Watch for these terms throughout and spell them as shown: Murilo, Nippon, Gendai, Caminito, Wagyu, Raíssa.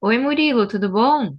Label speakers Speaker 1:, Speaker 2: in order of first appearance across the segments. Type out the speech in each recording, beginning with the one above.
Speaker 1: Oi, Murilo, tudo bom?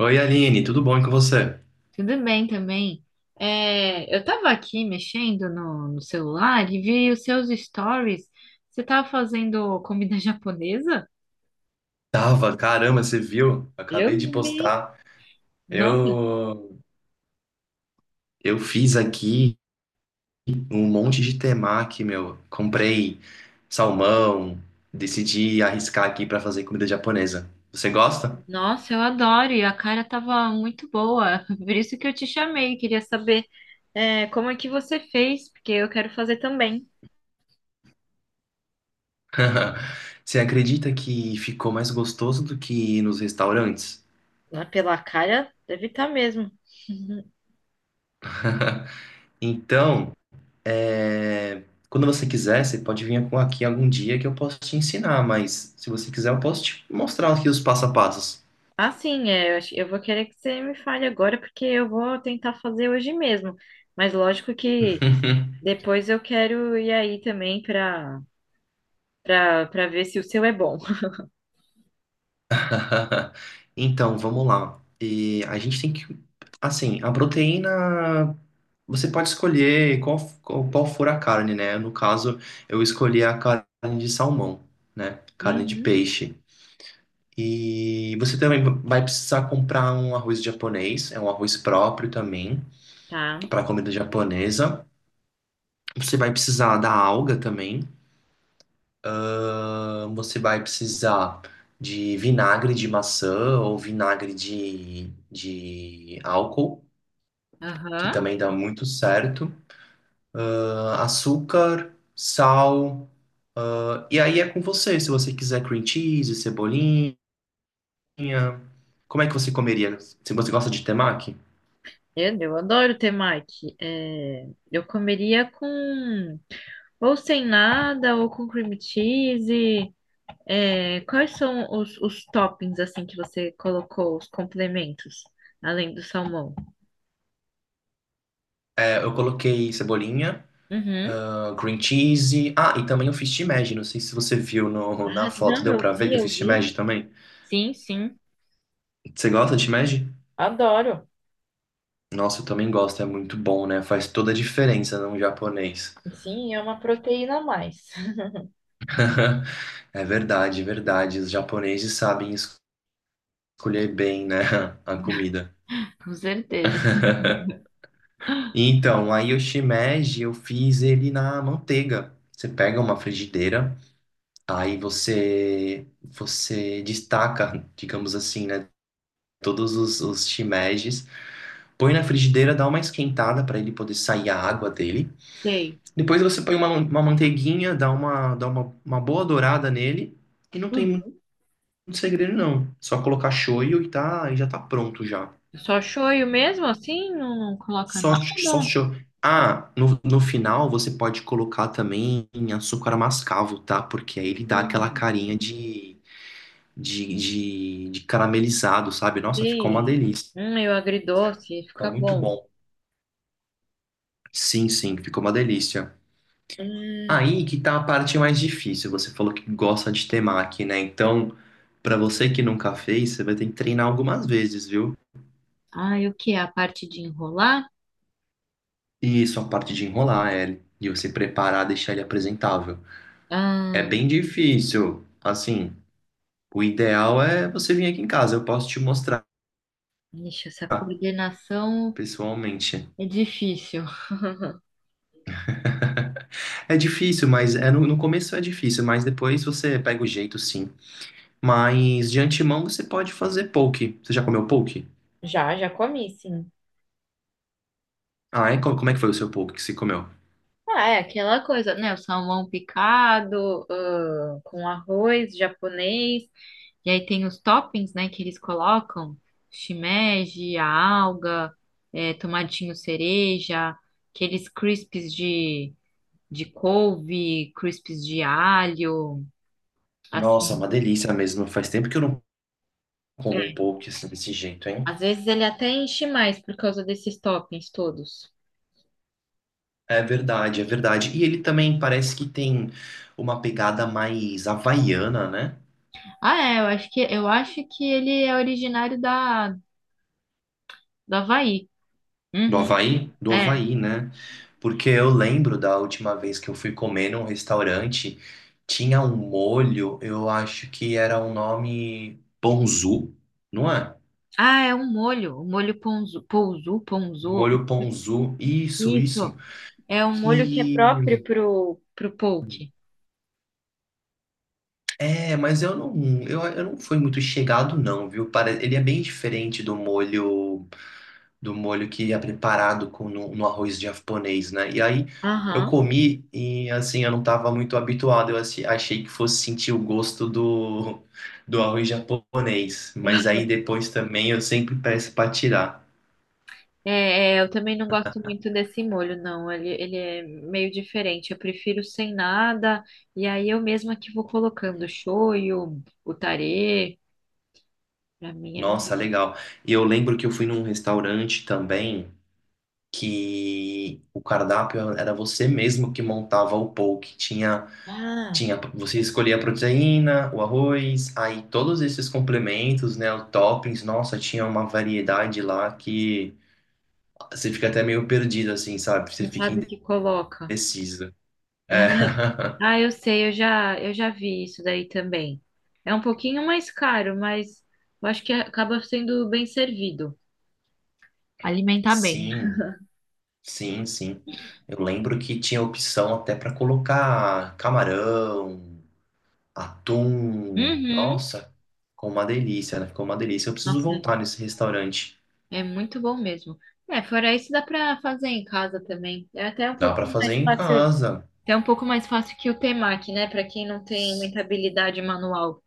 Speaker 2: Oi, Aline, tudo bom e com você?
Speaker 1: Tudo bem também. Eu estava aqui mexendo no celular e vi os seus stories. Você estava fazendo comida japonesa?
Speaker 2: Tava, caramba, você viu?
Speaker 1: Eu
Speaker 2: Acabei de
Speaker 1: vi.
Speaker 2: postar.
Speaker 1: Nossa,
Speaker 2: Eu eu fiz aqui um monte de temaki, meu. Comprei salmão, decidi arriscar aqui pra fazer comida japonesa. Você gosta?
Speaker 1: nossa, eu adoro e a cara tava muito boa. Por isso que eu te chamei. Queria saber, como é que você fez, porque eu quero fazer também.
Speaker 2: Você acredita que ficou mais gostoso do que ir nos restaurantes?
Speaker 1: Ah, pela cara, deve estar mesmo.
Speaker 2: Então, é, quando você quiser, você pode vir com- aqui algum dia que eu posso te ensinar, mas se você quiser, eu posso te mostrar aqui os passo a passo.
Speaker 1: Ah, sim, eu vou querer que você me fale agora, porque eu vou tentar fazer hoje mesmo. Mas lógico que
Speaker 2: Uhum.
Speaker 1: depois eu quero ir aí também para ver se o seu é bom.
Speaker 2: Então, vamos lá. E a gente tem que, assim, a proteína, você pode escolher qual, qual, qual for a carne, né? No caso, eu escolhi a carne de salmão, né? Carne de
Speaker 1: Uhum,
Speaker 2: peixe. E você também vai precisar comprar um arroz japonês, é um arroz próprio também,
Speaker 1: tá.
Speaker 2: para comida japonesa. Você vai precisar da alga também. Ah, você vai precisar de vinagre de maçã ou vinagre de álcool, que
Speaker 1: Aham.
Speaker 2: também dá muito certo. Ah, açúcar, sal. E aí é com você, se você quiser cream cheese, cebolinha. Como é que você comeria? Se você gosta de temaki?
Speaker 1: Eu adoro temaki. É, eu comeria com ou sem nada ou com cream cheese. É, quais são os toppings assim que você colocou, os complementos, além do salmão?
Speaker 2: É, eu coloquei cebolinha,
Speaker 1: Uhum.
Speaker 2: ah, cream cheese. Ah, e também eu fiz shimeji. Não sei se você viu no- na
Speaker 1: Ah,
Speaker 2: foto,
Speaker 1: não,
Speaker 2: deu
Speaker 1: eu
Speaker 2: pra ver que
Speaker 1: vi,
Speaker 2: eu
Speaker 1: eu
Speaker 2: fiz
Speaker 1: vi.
Speaker 2: shimeji também.
Speaker 1: Sim, sim,
Speaker 2: Você gosta de shimeji?
Speaker 1: adoro.
Speaker 2: Nossa, eu também gosto, é muito bom, né? Faz toda a diferença num japonês.
Speaker 1: Sim, é uma proteína a mais.
Speaker 2: É verdade, verdade. Os japoneses sabem escolher bem, né, a comida.
Speaker 1: Com certeza.
Speaker 2: Então, aí o shimeji, eu fiz ele na manteiga. Você pega uma frigideira, aí você destaca, digamos assim, né, todos os shimejis, põe na frigideira, dá uma esquentada para ele poder sair a água dele.
Speaker 1: Sei.
Speaker 2: Depois você põe uma manteiguinha, dá uma boa dourada nele e não tem
Speaker 1: Uhum.
Speaker 2: muito segredo não. Só colocar shoyu e tá, e já tá pronto já.
Speaker 1: Só shoyu mesmo assim? Não, não coloca
Speaker 2: Só
Speaker 1: nada?
Speaker 2: shoyu. Ah, no final você pode colocar também açúcar mascavo, tá? Porque aí ele dá aquela
Speaker 1: Hum,
Speaker 2: carinha de caramelizado, sabe? Nossa, ficou uma
Speaker 1: sei.
Speaker 2: delícia.
Speaker 1: Eu agridoce,
Speaker 2: Fica
Speaker 1: fica
Speaker 2: muito
Speaker 1: bom.
Speaker 2: bom. Sim, sim, ficou uma delícia.
Speaker 1: Hum.
Speaker 2: Aí que tá a parte mais difícil. Você falou que gosta de temaki, né? Então, pra você que nunca fez, você vai ter que treinar algumas vezes, viu?
Speaker 1: Ah, e o que? A parte de enrolar?
Speaker 2: E isso, a parte de enrolar ele e você preparar, deixar ele apresentável. É
Speaker 1: Ah,
Speaker 2: bem difícil. Assim, o ideal é você vir aqui em casa, eu posso te mostrar
Speaker 1: ixi, essa coordenação
Speaker 2: pessoalmente.
Speaker 1: é difícil.
Speaker 2: É difícil, mas é no começo é difícil, mas depois você pega o jeito, sim. Mas de antemão você pode fazer poke. Você já comeu poke?
Speaker 1: Já, já comi, sim.
Speaker 2: Ah, é? Co- Como é que foi o seu poke que você comeu?
Speaker 1: Ah, é aquela coisa, né? O salmão picado, ah, com arroz japonês. E aí tem os toppings, né, que eles colocam, shimeji, a alga, tomatinho cereja, aqueles crisps de couve, crisps de alho,
Speaker 2: Nossa,
Speaker 1: assim.
Speaker 2: uma delícia mesmo. Faz tempo que eu não como um
Speaker 1: É,
Speaker 2: poke assim, desse jeito, hein?
Speaker 1: às vezes ele até enche mais por causa desses toppings todos.
Speaker 2: É verdade, é verdade. E ele também parece que tem uma pegada mais havaiana, né?
Speaker 1: Ah, é, eu acho que ele é originário da do Havaí.
Speaker 2: Do
Speaker 1: Uhum,
Speaker 2: Havaí? Do
Speaker 1: é.
Speaker 2: Havaí, né? Porque eu lembro da última vez que eu fui comer num restaurante, tinha um molho, eu acho que era um nome ponzu, não é?
Speaker 1: Ah, é um molho, um molho ponzu.
Speaker 2: Molho ponzu, isso, isso.
Speaker 1: Isso. É um molho que é
Speaker 2: Que
Speaker 1: próprio pro poke.
Speaker 2: é, mas eu não fui muito chegado não, viu? Para, ele é bem diferente do molho que é preparado com no arroz japonês, né? E aí eu
Speaker 1: Aham.
Speaker 2: comi e assim eu não estava muito habituado, achei que fosse sentir o gosto do arroz japonês, mas aí depois também eu sempre peço para tirar.
Speaker 1: Eu também não gosto muito desse molho, não. Ele é meio diferente. Eu prefiro sem nada. E aí eu mesma que vou colocando o shoyu, o tarê. Pra mim é melhor.
Speaker 2: Nossa, legal. E eu lembro que eu fui num restaurante também que o cardápio era você mesmo que montava o poke, tinha
Speaker 1: Ah,
Speaker 2: Tinha, você escolhia a proteína, o arroz, aí todos esses complementos, né, os toppings, nossa, tinha uma variedade lá que você fica até meio perdido, assim, sabe? Você
Speaker 1: não
Speaker 2: fica
Speaker 1: sabe o que coloca.
Speaker 2: indeciso. É.
Speaker 1: Ah, eu sei, eu já vi isso daí também. É um pouquinho mais caro, mas eu acho que acaba sendo bem servido. Alimentar bem.
Speaker 2: Sim, sim, sim. Eu lembro que tinha opção até para colocar camarão, atum,
Speaker 1: Uhum.
Speaker 2: nossa, ficou uma delícia, né? Ficou uma delícia. Eu preciso
Speaker 1: Nossa,
Speaker 2: voltar nesse restaurante.
Speaker 1: é muito bom mesmo. É, fora isso, dá pra fazer em casa também. É até um
Speaker 2: Dá para
Speaker 1: pouquinho
Speaker 2: fazer
Speaker 1: mais
Speaker 2: em
Speaker 1: fácil.
Speaker 2: casa.
Speaker 1: É um pouco mais fácil que o temaki, né? Pra quem não tem muita habilidade manual.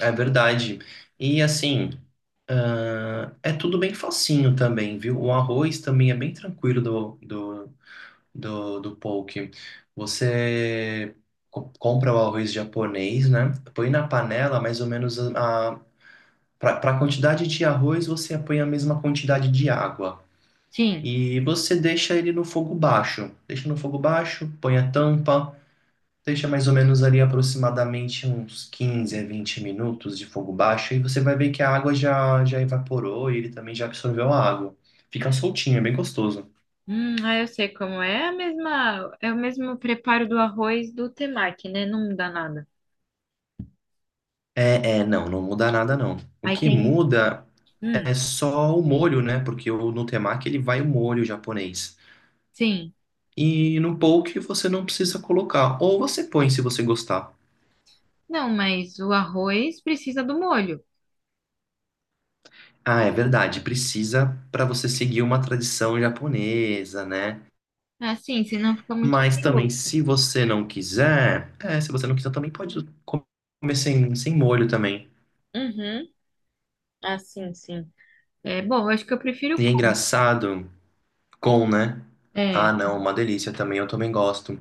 Speaker 2: É verdade. E assim, ah, é tudo bem facinho também, viu? O arroz também é bem tranquilo do poke. Você compra o arroz japonês, né? Põe na panela mais ou menos a, para a quantidade de arroz, você põe a mesma quantidade de água.
Speaker 1: Sim.
Speaker 2: E você deixa ele no fogo baixo. Deixa no fogo baixo, põe a tampa. Deixa mais ou menos ali aproximadamente uns 15 a 20 minutos de fogo baixo e você vai ver que a água já, já evaporou e ele também já absorveu a água. Fica soltinho, é bem gostoso.
Speaker 1: Ah, eu sei como é. É o mesmo preparo do arroz do temaki, né? Não dá nada.
Speaker 2: É, é, não, não muda nada não. O
Speaker 1: Aí
Speaker 2: que
Speaker 1: tem.
Speaker 2: muda
Speaker 1: Hum,
Speaker 2: é só o molho, né? Porque o no temaki ele vai o molho japonês.
Speaker 1: sim.
Speaker 2: E no poke você não precisa colocar, ou você põe se você gostar.
Speaker 1: Não, mas o arroz precisa do molho.
Speaker 2: Ah, é verdade, precisa para você seguir uma tradição japonesa, né?
Speaker 1: Assim, senão fica muito
Speaker 2: Mas
Speaker 1: sem
Speaker 2: também,
Speaker 1: gosto.
Speaker 2: se você não quiser, é, se você não quiser, também pode comer sem, sem molho também.
Speaker 1: Uhum. Ah, sim, sim. É bom, eu acho que eu prefiro
Speaker 2: E é
Speaker 1: com.
Speaker 2: engraçado, com, né? Ah,
Speaker 1: É.
Speaker 2: não, uma delícia também, eu também gosto.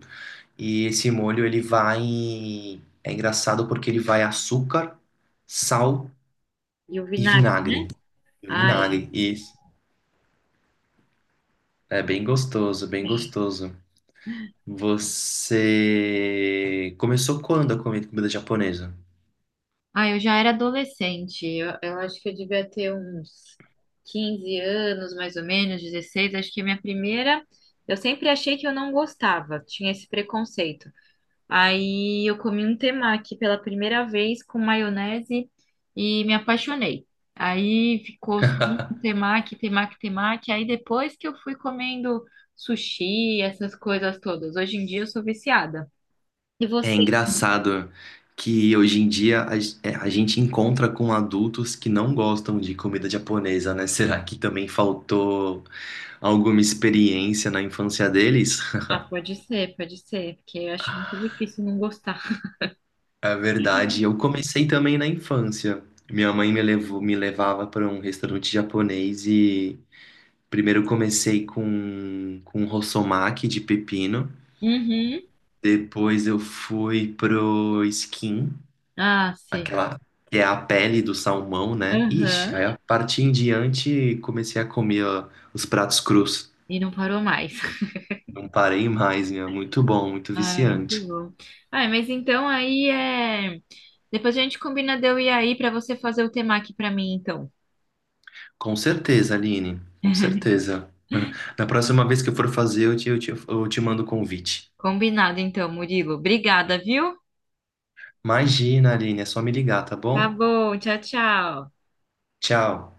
Speaker 2: E esse molho, ele vai. É engraçado porque ele vai açúcar, sal
Speaker 1: E o
Speaker 2: e
Speaker 1: vinagre, né?
Speaker 2: vinagre.
Speaker 1: Ah, é.
Speaker 2: Vinagre, isso. É bem gostoso, bem gostoso. Você começou quando a comer comida japonesa?
Speaker 1: Ah, eu já era adolescente. Eu acho que eu devia ter uns 15 anos, mais ou menos, 16. Acho que a minha primeira. Eu sempre achei que eu não gostava, tinha esse preconceito. Aí eu comi um temaki pela primeira vez com maionese e me apaixonei. Aí ficou só um temaki. Aí depois que eu fui comendo sushi, essas coisas todas. Hoje em dia eu sou viciada. E
Speaker 2: É
Speaker 1: você?
Speaker 2: engraçado que hoje em dia a, g- é, a gente encontra com adultos que não gostam de comida japonesa, né? Será que também faltou alguma experiência na infância deles?
Speaker 1: Ah, pode ser, porque eu acho muito difícil não gostar.
Speaker 2: É verdade, eu comecei também na infância. Minha mãe me levou, me levava para um restaurante japonês e primeiro comecei com rossomaki de pepino.
Speaker 1: Uhum.
Speaker 2: Depois eu fui pro skin.
Speaker 1: Ah, sei.
Speaker 2: Aquela que é a pele do salmão, né? Ixi,
Speaker 1: Aham.
Speaker 2: aí a partir em diante comecei a comer ó, os pratos crus.
Speaker 1: E não parou mais.
Speaker 2: Não parei mais, meu. Muito bom, muito
Speaker 1: Ai, muito
Speaker 2: viciante.
Speaker 1: bom. Ai, mas então aí é. Depois a gente combina de eu ir aí pra você fazer o tema aqui pra mim, então.
Speaker 2: Com certeza, Aline, com certeza. Na próxima vez que eu for fazer, eu te mando o convite.
Speaker 1: Combinado, então, Murilo. Obrigada, viu?
Speaker 2: Imagina, Aline, é só me ligar, tá
Speaker 1: Tá
Speaker 2: bom?
Speaker 1: bom. Tchau, tchau.
Speaker 2: Tchau.